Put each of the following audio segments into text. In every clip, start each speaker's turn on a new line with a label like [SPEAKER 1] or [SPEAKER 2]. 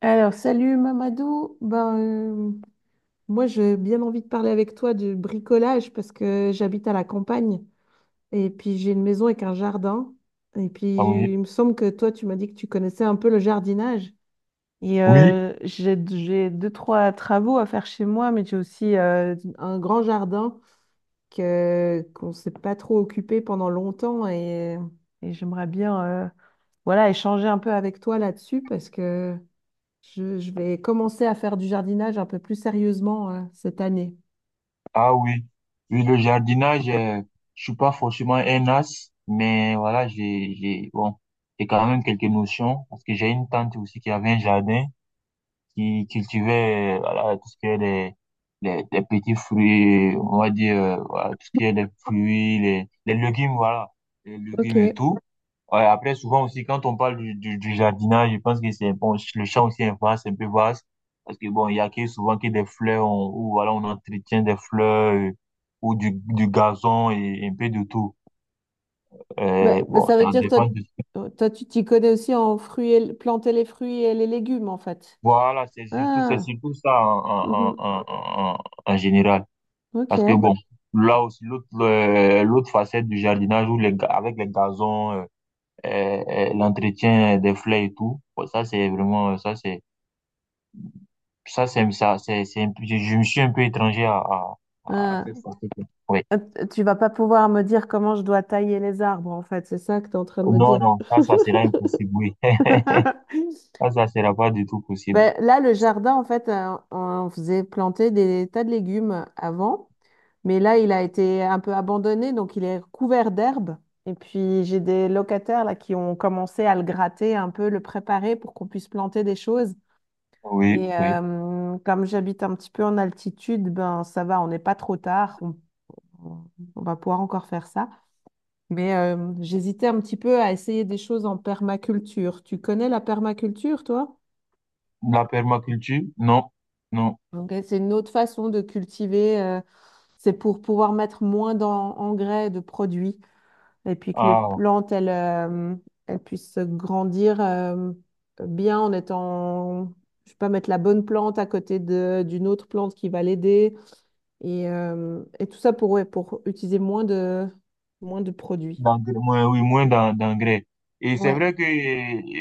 [SPEAKER 1] Alors, salut Mamadou. Moi, j'ai bien envie de parler avec toi de bricolage parce que j'habite à la campagne et puis j'ai une maison avec un jardin. Et
[SPEAKER 2] Ah
[SPEAKER 1] puis,
[SPEAKER 2] oui,
[SPEAKER 1] il me semble que toi, tu m'as dit que tu connaissais un peu le jardinage.
[SPEAKER 2] oui,
[SPEAKER 1] J'ai deux, trois travaux à faire chez moi, mais j'ai aussi un grand jardin qu'on ne s'est pas trop occupé pendant longtemps. Et j'aimerais bien voilà, échanger un peu avec toi là-dessus parce que... Je vais commencer à faire du jardinage un peu plus sérieusement cette année.
[SPEAKER 2] ah oui. Oui, le jardinage, je suis pas forcément un as, mais voilà, bon, j'ai quand même quelques notions parce que j'ai une tante aussi qui avait un jardin qui cultivait, voilà, tout ce qui est des petits fruits, on va dire, voilà, tout ce qui est des fruits, les légumes, voilà, les légumes et
[SPEAKER 1] Ok.
[SPEAKER 2] tout. Ouais, après, souvent aussi, quand on parle du jardinage, je pense que c'est, bon, le champ aussi est vaste, un peu vaste, parce que bon, il y a que, souvent que des fleurs, on, ou voilà, on entretient des fleurs, ou du gazon et un peu de tout. Euh,
[SPEAKER 1] Mais
[SPEAKER 2] bon,
[SPEAKER 1] ça veut
[SPEAKER 2] ça
[SPEAKER 1] dire que toi,
[SPEAKER 2] dépend de...
[SPEAKER 1] toi, tu t'y connais aussi en fruits et, planter les fruits et les légumes, en fait.
[SPEAKER 2] Voilà, c'est
[SPEAKER 1] Ah,
[SPEAKER 2] surtout ça
[SPEAKER 1] mhm.
[SPEAKER 2] en, en général. Parce que
[SPEAKER 1] Ok.
[SPEAKER 2] bon, là aussi, l'autre facette du jardinage où avec les gazons, l'entretien des fleurs et tout, bon, ça c'est vraiment, ça c'est, je me suis un peu étranger à
[SPEAKER 1] Ah.
[SPEAKER 2] cette facette-là. Oui.
[SPEAKER 1] Euh, Tu vas pas pouvoir me dire comment je dois tailler les arbres, en fait. C'est ça que tu es en train de me
[SPEAKER 2] Non,
[SPEAKER 1] dire.
[SPEAKER 2] non, ça sera impossible, oui. Ça sera pas du tout possible.
[SPEAKER 1] Ben, là, le jardin, en fait, on faisait planter des tas de légumes avant. Mais là, il a été un peu abandonné, donc il est couvert d'herbe. Et puis j'ai des locataires là qui ont commencé à le gratter un peu, le préparer pour qu'on puisse planter des choses.
[SPEAKER 2] Oui, oui.
[SPEAKER 1] Comme j'habite un petit peu en altitude, ben ça va, on n'est pas trop tard, on- on va pouvoir encore faire ça. J'hésitais un petit peu à essayer des choses en permaculture. Tu connais la permaculture, toi?
[SPEAKER 2] La permaculture, non, non.
[SPEAKER 1] Ok, c'est une autre façon de cultiver. Euh, c'est pour pouvoir mettre moins d'engrais, de produits. Et puis que les
[SPEAKER 2] Ah.
[SPEAKER 1] plantes, elles, elles puissent grandir bien en étant, je sais pas, mettre la bonne plante à côté de, d'une autre plante qui va l'aider. Et tout ça pour, ouais, pour utiliser moins de produits.
[SPEAKER 2] D'engrais, oui, moins d'engrais. Et c'est
[SPEAKER 1] Ouais,
[SPEAKER 2] vrai que,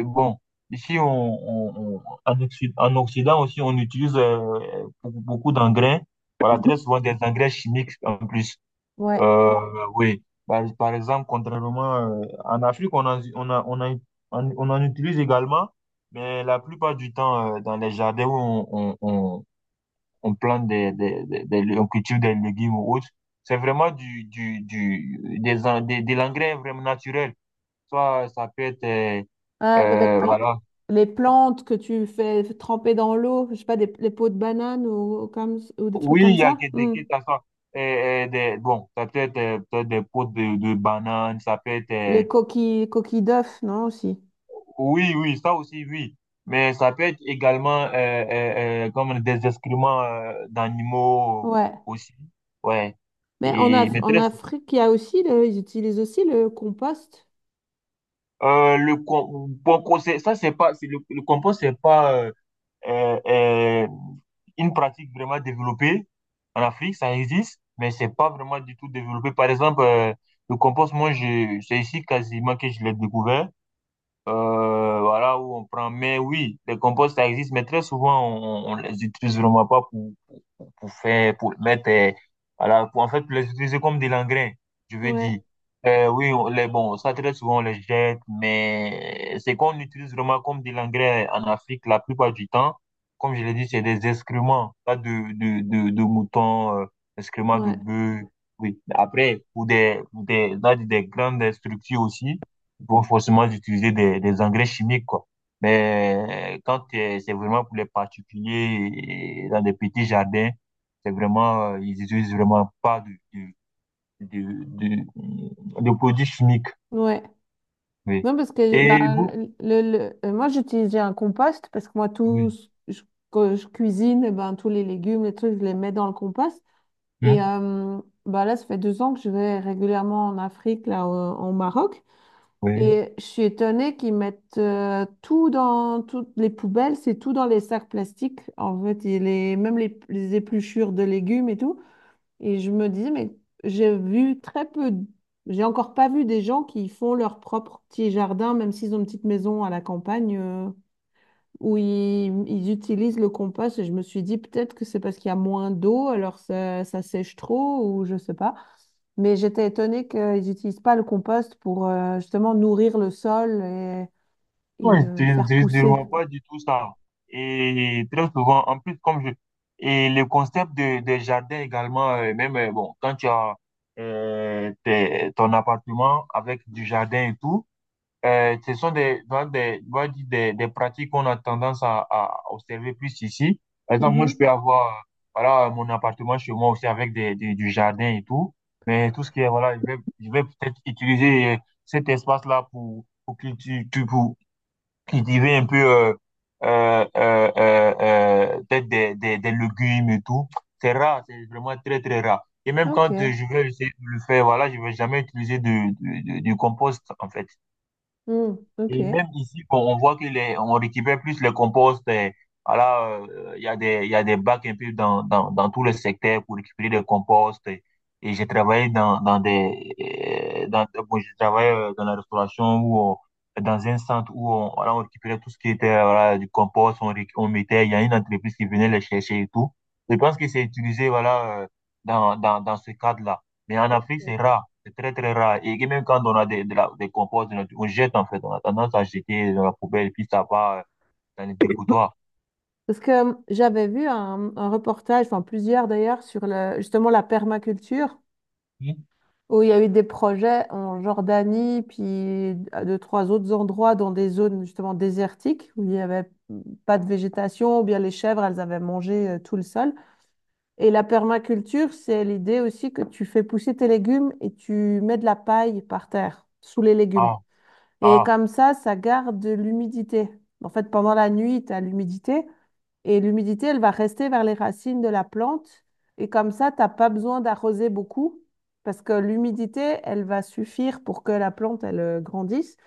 [SPEAKER 2] bon, ici, en Occident aussi, on utilise beaucoup beaucoup d'engrais, voilà, très souvent des engrais chimiques en plus.
[SPEAKER 1] ouais.
[SPEAKER 2] Euh, oui, par exemple, contrairement, en Afrique, on en, on a- on a- on on en utilise également, mais la plupart du temps, dans les jardins où on, on- on plante on cultive des légumes ou autres. C'est vraiment du, des, en- des- de l'engrais vraiment naturel. Soit ça peut être,
[SPEAKER 1] Ah, avec l-
[SPEAKER 2] voilà.
[SPEAKER 1] les plantes que tu fais tremper dans l'eau, je sais pas, des, les peaux de banane ou comme, ou des trucs
[SPEAKER 2] Oui,
[SPEAKER 1] comme
[SPEAKER 2] il y a
[SPEAKER 1] ça.
[SPEAKER 2] que
[SPEAKER 1] Hmm.
[SPEAKER 2] que ça soit, bon, ça peut être, peut-être des pots de bananes, ça peut être,
[SPEAKER 1] Les coquilles, coquilles d'œufs, non, aussi.
[SPEAKER 2] oui, oui, ça aussi, oui. Mais ça peut être également, comme des excréments, d'animaux
[SPEAKER 1] Ouais.
[SPEAKER 2] aussi. Ouais.
[SPEAKER 1] Mais en,
[SPEAKER 2] Et, mais
[SPEAKER 1] En
[SPEAKER 2] très...
[SPEAKER 1] Afrique, il y a aussi le, ils utilisent aussi le compost.
[SPEAKER 2] Bon conseil, ça c'est pas, c'est le compost c'est pas euh, euh, une pratique vraiment développée en Afrique, ça existe, mais c'est pas vraiment du tout développé. Par exemple, le compost, moi, c'est ici quasiment que je l'ai découvert. Voilà où on prend. Mais oui, les composts ça existe, mais très souvent on les utilise vraiment pas pour faire, pour mettre, voilà, pour en fait les utiliser comme des engrais, je veux
[SPEAKER 1] Ouais,
[SPEAKER 2] dire. Oui, on les, bon, ça très souvent on les jette, mais c'est qu'on utilise vraiment comme des engrais en Afrique la plupart du temps. Comme je l'ai dit, c'est des excréments, pas de moutons, excréments de
[SPEAKER 1] ouais,
[SPEAKER 2] bœufs. Oui. Après, dans des grandes structures aussi, ils vont forcément utiliser des engrais chimiques, quoi. Mais quand c'est vraiment pour les particuliers, et dans des petits jardins, c'est vraiment, ils utilisent vraiment pas de produits chimiques.
[SPEAKER 1] ouais.
[SPEAKER 2] Oui.
[SPEAKER 1] Non, parce que
[SPEAKER 2] Et
[SPEAKER 1] bah,
[SPEAKER 2] vous?
[SPEAKER 1] moi, j'utilisais un compost parce que moi,
[SPEAKER 2] Oui.
[SPEAKER 1] que je cuisine, eh ben, tous les légumes, les trucs, je les mets dans le compost.
[SPEAKER 2] Hmm?
[SPEAKER 1] Et euh, bah, là, ça fait deux ans que je vais régulièrement en Afrique, au, au Maroc.
[SPEAKER 2] Oui.
[SPEAKER 1] Et je suis étonnée qu'ils mettent tout dans toutes les poubelles, c'est tout dans les sacs plastiques. En fait, et les, même les épluchures de légumes et tout. Et je me dis, mais j'ai vu très peu, j'ai encore pas vu des gens qui font leur propre petit jardin, même s'ils ont une petite maison à la campagne, où ils utilisent le compost. Et je me suis dit, peut-être que c'est parce qu'il y a moins d'eau, alors ça sèche trop, ou je sais pas. Mais j'étais étonnée qu'ils n'utilisent pas le compost pour justement nourrir le sol
[SPEAKER 2] Non,
[SPEAKER 1] et, faire
[SPEAKER 2] ils utilisent
[SPEAKER 1] pousser.
[SPEAKER 2] vraiment pas du tout ça. Et très souvent, en plus, comme je... Et le concept de, des jardins également, même, bon, quand tu as ton appartement avec du jardin et tout, Ce sont on va dire des pratiques qu'on a tendance à observer plus ici. Par exemple, moi, je
[SPEAKER 1] Mhm.
[SPEAKER 2] peux avoir, voilà, mon appartement chez moi aussi avec du jardin et tout. Mais tout ce qui est, voilà, je vais peut-être utiliser cet espace-là pour, cultiver un peu, peut-être des légumes et tout. C'est rare, c'est vraiment très, très rare. Et même
[SPEAKER 1] Ok.
[SPEAKER 2] quand je vais essayer de le faire, voilà, je vais jamais utiliser du compost, en fait.
[SPEAKER 1] Mm,
[SPEAKER 2] Et
[SPEAKER 1] ok.
[SPEAKER 2] même ici, on voit que les, on récupère plus les composts. Voilà il y a des bacs un peu dans tout le secteur pour récupérer des composts. Et j'ai travaillé bon, j'ai travaillé dans la restauration où dans un centre où on, voilà, on récupérait tout ce qui était, voilà, du compost, on, on mettait, il y a une entreprise qui venait les chercher et tout. Je pense que c'est utilisé, voilà, dans ce cadre-là. Mais en Afrique,
[SPEAKER 1] Ok.
[SPEAKER 2] c'est rare. C'est très, très rare. Et même quand on a des, des composts, on jette en fait. On a tendance à jeter dans la poubelle et puis ça va dans les dépotoirs.
[SPEAKER 1] Parce que j'avais vu un reportage, enfin plusieurs d'ailleurs, sur le, justement la permaculture,
[SPEAKER 2] Hmm.
[SPEAKER 1] où il y a eu des projets en Jordanie, puis à deux, trois autres endroits dans des zones justement désertiques, où il n'y avait pas de végétation, ou bien les chèvres, elles avaient mangé tout le sol. Et la permaculture, c'est l'idée aussi que tu fais pousser tes légumes et tu mets de la paille par terre, sous les légumes.
[SPEAKER 2] Ah,
[SPEAKER 1] Et
[SPEAKER 2] ah,
[SPEAKER 1] comme ça garde de l'humidité. En fait, pendant la nuit, tu as l'humidité et l'humidité, elle va rester vers les racines de la plante. Et comme ça, tu n'as pas besoin d'arroser beaucoup parce que l'humidité, elle va suffire pour que la plante, elle grandisse.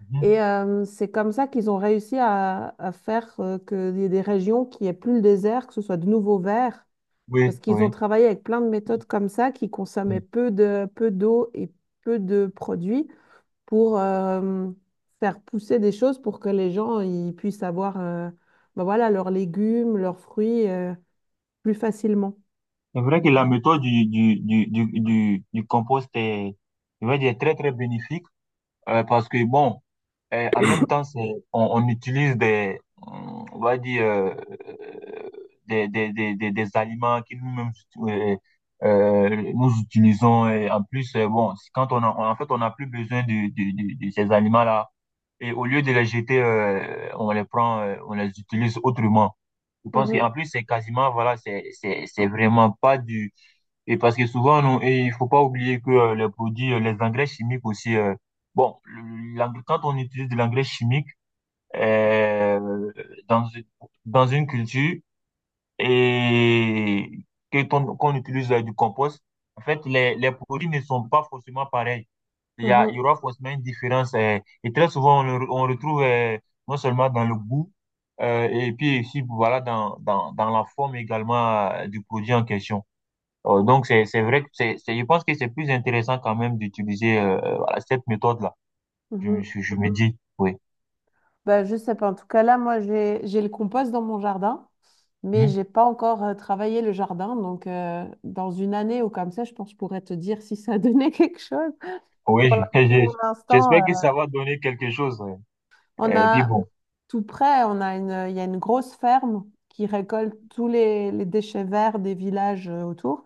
[SPEAKER 2] mhm.
[SPEAKER 1] C'est comme ça qu'ils ont réussi à faire qu'il y ait des régions qui aient plus le désert, que ce soit de nouveau vert,
[SPEAKER 2] Oui,
[SPEAKER 1] parce qu'ils ont
[SPEAKER 2] oui.
[SPEAKER 1] travaillé avec plein de méthodes comme ça qui consommaient
[SPEAKER 2] Oui.
[SPEAKER 1] peu d'eau et peu de produits pour faire pousser des choses pour que les gens ils puissent avoir ben voilà, leurs légumes, leurs fruits plus facilement.
[SPEAKER 2] C'est vrai que la méthode du compost est, je vais dire, très, très bénéfique parce que, bon... Et en même temps, c'est, on utilise des, on va dire, des aliments que nous-mêmes euh, nous utilisons. Et en plus, bon, c'est quand on a, en fait, on n'a plus besoin de ces aliments-là. Et au lieu de les jeter, on les prend, on les utilise autrement. Je pense qu'en
[SPEAKER 1] Mhm,
[SPEAKER 2] plus, c'est quasiment, voilà, c'est vraiment pas du... Et parce que souvent, nous, et il faut pas oublier que les produits, les engrais chimiques aussi, bon, quand on utilise de l'engrais chimique euh, dans, une- dans une culture et qu'on utilise du compost, en fait, les produits ne sont pas forcément pareils. Il
[SPEAKER 1] mhm,
[SPEAKER 2] y aura forcément une différence. Et très souvent, on retrouve non seulement dans le goût, et puis aussi, voilà, dans la forme également du produit en question. Donc, c'est vrai que c'est, je pense que c'est plus intéressant quand même d'utiliser voilà, cette méthode-là.
[SPEAKER 1] mhm.
[SPEAKER 2] Je me dis, oui.
[SPEAKER 1] Bah, je sais pas. En tout cas, là, moi, j'ai le compost dans mon jardin, mais
[SPEAKER 2] Hmm.
[SPEAKER 1] j'ai pas encore travaillé le jardin. Donc, dans une année ou comme ça, je pense que je pourrais te dire si ça a donné quelque chose.
[SPEAKER 2] Oui,
[SPEAKER 1] Pour
[SPEAKER 2] je-
[SPEAKER 1] l'instant,
[SPEAKER 2] j'espère que ça va donner quelque chose.
[SPEAKER 1] on
[SPEAKER 2] Ouais. Et puis
[SPEAKER 1] a
[SPEAKER 2] bon.
[SPEAKER 1] tout près, on a une, il y a une grosse ferme qui récolte tous les déchets verts des villages autour.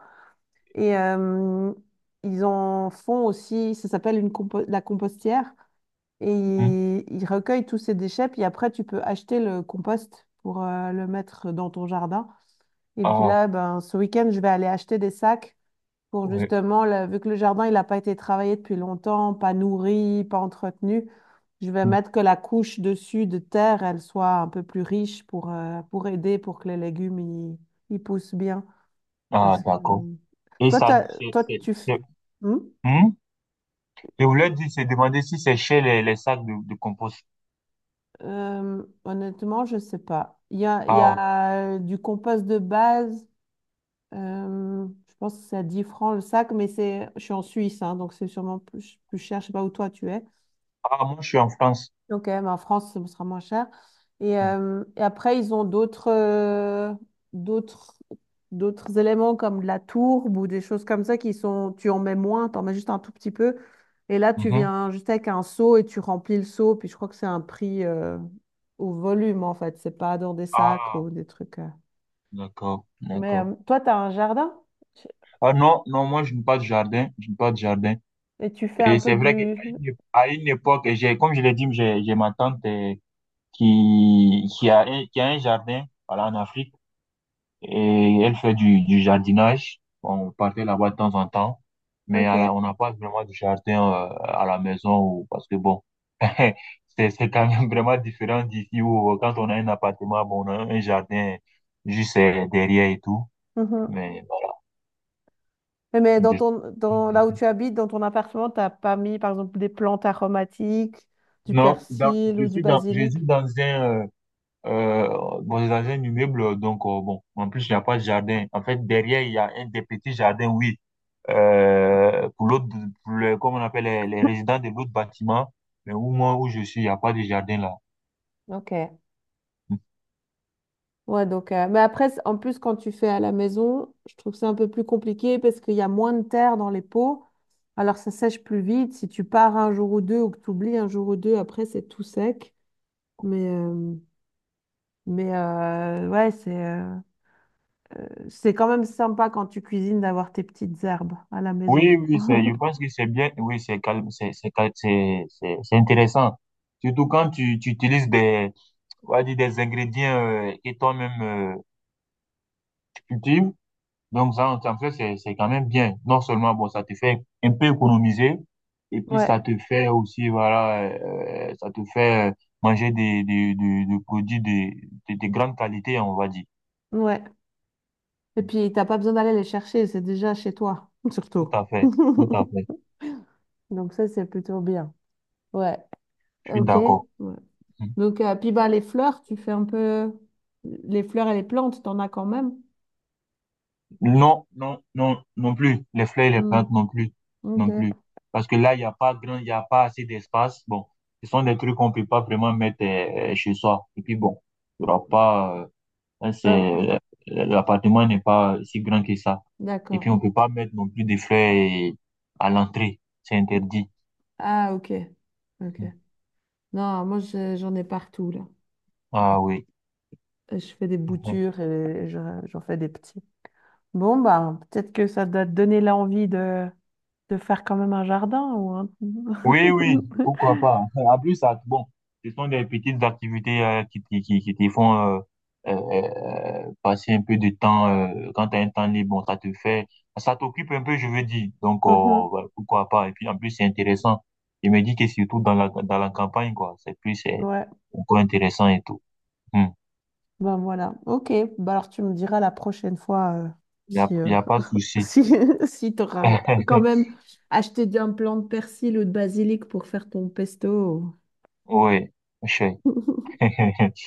[SPEAKER 1] Et euh, ils en font aussi, ça s'appelle la compostière. Et
[SPEAKER 2] Hmm.
[SPEAKER 1] ils recueillent tous ces déchets, puis après, tu peux acheter le compost pour le mettre dans ton jardin. Et puis
[SPEAKER 2] Ah,
[SPEAKER 1] là, ben, ce week-end, je vais aller acheter des sacs pour
[SPEAKER 2] ouais.
[SPEAKER 1] justement, vu que le jardin, il n'a pas été travaillé depuis longtemps, pas nourri, pas entretenu, je vais
[SPEAKER 2] Hmm.
[SPEAKER 1] mettre que la couche dessus de terre, elle soit un peu plus riche pour aider, pour que les légumes, ils poussent bien.
[SPEAKER 2] Ah,
[SPEAKER 1] Parce que
[SPEAKER 2] d'accord. Et
[SPEAKER 1] toi,
[SPEAKER 2] ça,
[SPEAKER 1] toi tu... f-
[SPEAKER 2] c'est-
[SPEAKER 1] Hmm.
[SPEAKER 2] Hmm. Je voulais dire, c'est demander si c'est chez les, sacs de compost.
[SPEAKER 1] Honnêtement, je sais pas. Il y
[SPEAKER 2] Ah, ok.
[SPEAKER 1] a du compost de base. Je pense que c'est à 10 francs le sac, mais c'est, je suis en Suisse, hein, donc c'est sûrement plus, plus cher. Je sais pas où toi tu es.
[SPEAKER 2] Ah, moi, je suis en France.
[SPEAKER 1] Ok, mais en France, ce sera moins cher.
[SPEAKER 2] Hmm.
[SPEAKER 1] Et après, ils ont d'autres d'autres d'autres éléments comme de la tourbe ou des choses comme ça qui sont, tu en mets moins, tu en mets juste un tout petit peu. Et là, tu
[SPEAKER 2] Mhm.
[SPEAKER 1] viens juste avec un seau et tu remplis le seau. Puis je crois que c'est un prix au volume, en fait. C'est pas dans des sacs
[SPEAKER 2] Ah,
[SPEAKER 1] ou des trucs. Euh.
[SPEAKER 2] d'accord,
[SPEAKER 1] Mais
[SPEAKER 2] d'accord.
[SPEAKER 1] toi, tu as un jardin. Tu-
[SPEAKER 2] Ah non, non, moi, je n'ai pas de jardin. Je n'ai pas de jardin.
[SPEAKER 1] et tu fais un
[SPEAKER 2] Et
[SPEAKER 1] peu
[SPEAKER 2] c'est vrai qu'à
[SPEAKER 1] du...
[SPEAKER 2] à une époque, comme je l'ai dit, j'ai ma tante qui a un jardin, voilà, en Afrique, et elle fait du jardinage. Bon, on partait là-bas de temps en temps, mais on
[SPEAKER 1] Ok.
[SPEAKER 2] n'a pas vraiment du jardin à la maison, ou, parce que bon, c'est quand même vraiment différent d'ici où quand on a un appartement, bon, on a un jardin juste derrière et tout.
[SPEAKER 1] Mhm.
[SPEAKER 2] Mais bon,
[SPEAKER 1] Et mais dans
[SPEAKER 2] je-
[SPEAKER 1] ton, dans, là où tu habites, dans ton appartement, t'as pas mis, par exemple, des plantes aromatiques, du
[SPEAKER 2] non, dans-
[SPEAKER 1] persil
[SPEAKER 2] je
[SPEAKER 1] ou du
[SPEAKER 2] suis dans, je
[SPEAKER 1] basilic?
[SPEAKER 2] suis euh, dans un immeuble. Donc, bon, en plus, il n'y a pas de jardin. En fait, derrière, il y a un des petits jardins, oui. Pour l'autre, pour le, comme on appelle les résidents de l'autre bâtiment, mais au moins où je suis, il n'y a pas de jardin là.
[SPEAKER 1] Ok. Ouais, donc, mais après, c- en plus, quand tu fais à la maison, je trouve ça un peu plus compliqué parce qu'il y a moins de terre dans les pots. Alors, ça sèche plus vite. Si tu pars un jour ou deux ou que tu oublies un jour ou deux, après, c'est tout sec. Mais, euh, ouais, c'est quand même sympa quand tu cuisines d'avoir tes petites herbes à la maison.
[SPEAKER 2] Oui, oui, c'est, je pense que c'est bien, oui, c'est calme, c'est, c'est intéressant. Surtout quand tu utilises on va dire des ingrédients que toi-même cultives. Donc, ça, en fait, c'est quand même bien. Non seulement, bon, ça te fait un peu économiser, et puis
[SPEAKER 1] Ouais,
[SPEAKER 2] ça te fait aussi, voilà, ça te fait manger des produits de grande qualité, on va dire.
[SPEAKER 1] ouais. Et puis, t'as pas besoin d'aller les chercher, c'est déjà chez toi,
[SPEAKER 2] Tout
[SPEAKER 1] surtout.
[SPEAKER 2] à fait, tout à fait.
[SPEAKER 1] Donc ça, c'est plutôt bien. Ouais,
[SPEAKER 2] Je suis
[SPEAKER 1] ok.
[SPEAKER 2] d'accord.
[SPEAKER 1] Ouais. Donc, puis bah, les fleurs, tu fais un peu... Les fleurs et les plantes, t'en as quand même.
[SPEAKER 2] Non, non, non, non plus. Les fleurs et les
[SPEAKER 1] Hmm,
[SPEAKER 2] plantes non plus, non
[SPEAKER 1] ok.
[SPEAKER 2] plus. Parce que là, il n'y a pas assez d'espace. Bon, ce sont des trucs qu'on peut pas vraiment mettre chez soi. Et puis bon, il n'y aura pas, là, c'est,
[SPEAKER 1] Ah,
[SPEAKER 2] l'appartement n'est pas si grand que ça. Et puis,
[SPEAKER 1] d'accord.
[SPEAKER 2] on peut pas mettre non plus des fleurs à l'entrée. C'est interdit.
[SPEAKER 1] Ah, ok. Ok. Non, moi, j'en ai partout, là.
[SPEAKER 2] Ah oui.
[SPEAKER 1] Et je fais des
[SPEAKER 2] Mhm.
[SPEAKER 1] boutures et j'en fais des petits. Bon, bah, peut-être que ça doit te donner l'envie de faire quand même un jardin ou un...
[SPEAKER 2] Oui, oui, pourquoi pas. En plus, ça, bon, ce sont des petites activités qui te font passer un peu de temps. Quand tu as un temps libre, bon, ça te fait, ça t'occupe un peu, je veux dire. Donc,
[SPEAKER 1] Mhm.
[SPEAKER 2] voilà, pourquoi pas. Et puis, en plus, c'est intéressant. Je me dis que surtout dans la campagne, quoi, c'est plus, c'est
[SPEAKER 1] Ouais,
[SPEAKER 2] encore intéressant et tout. Hmm.
[SPEAKER 1] ben voilà. Ok, bah alors tu me diras la prochaine fois si,
[SPEAKER 2] Y a pas de souci.
[SPEAKER 1] si, si tu auras quand même acheté un plant de persil ou de basilic pour faire ton pesto.
[SPEAKER 2] Oui, je sais.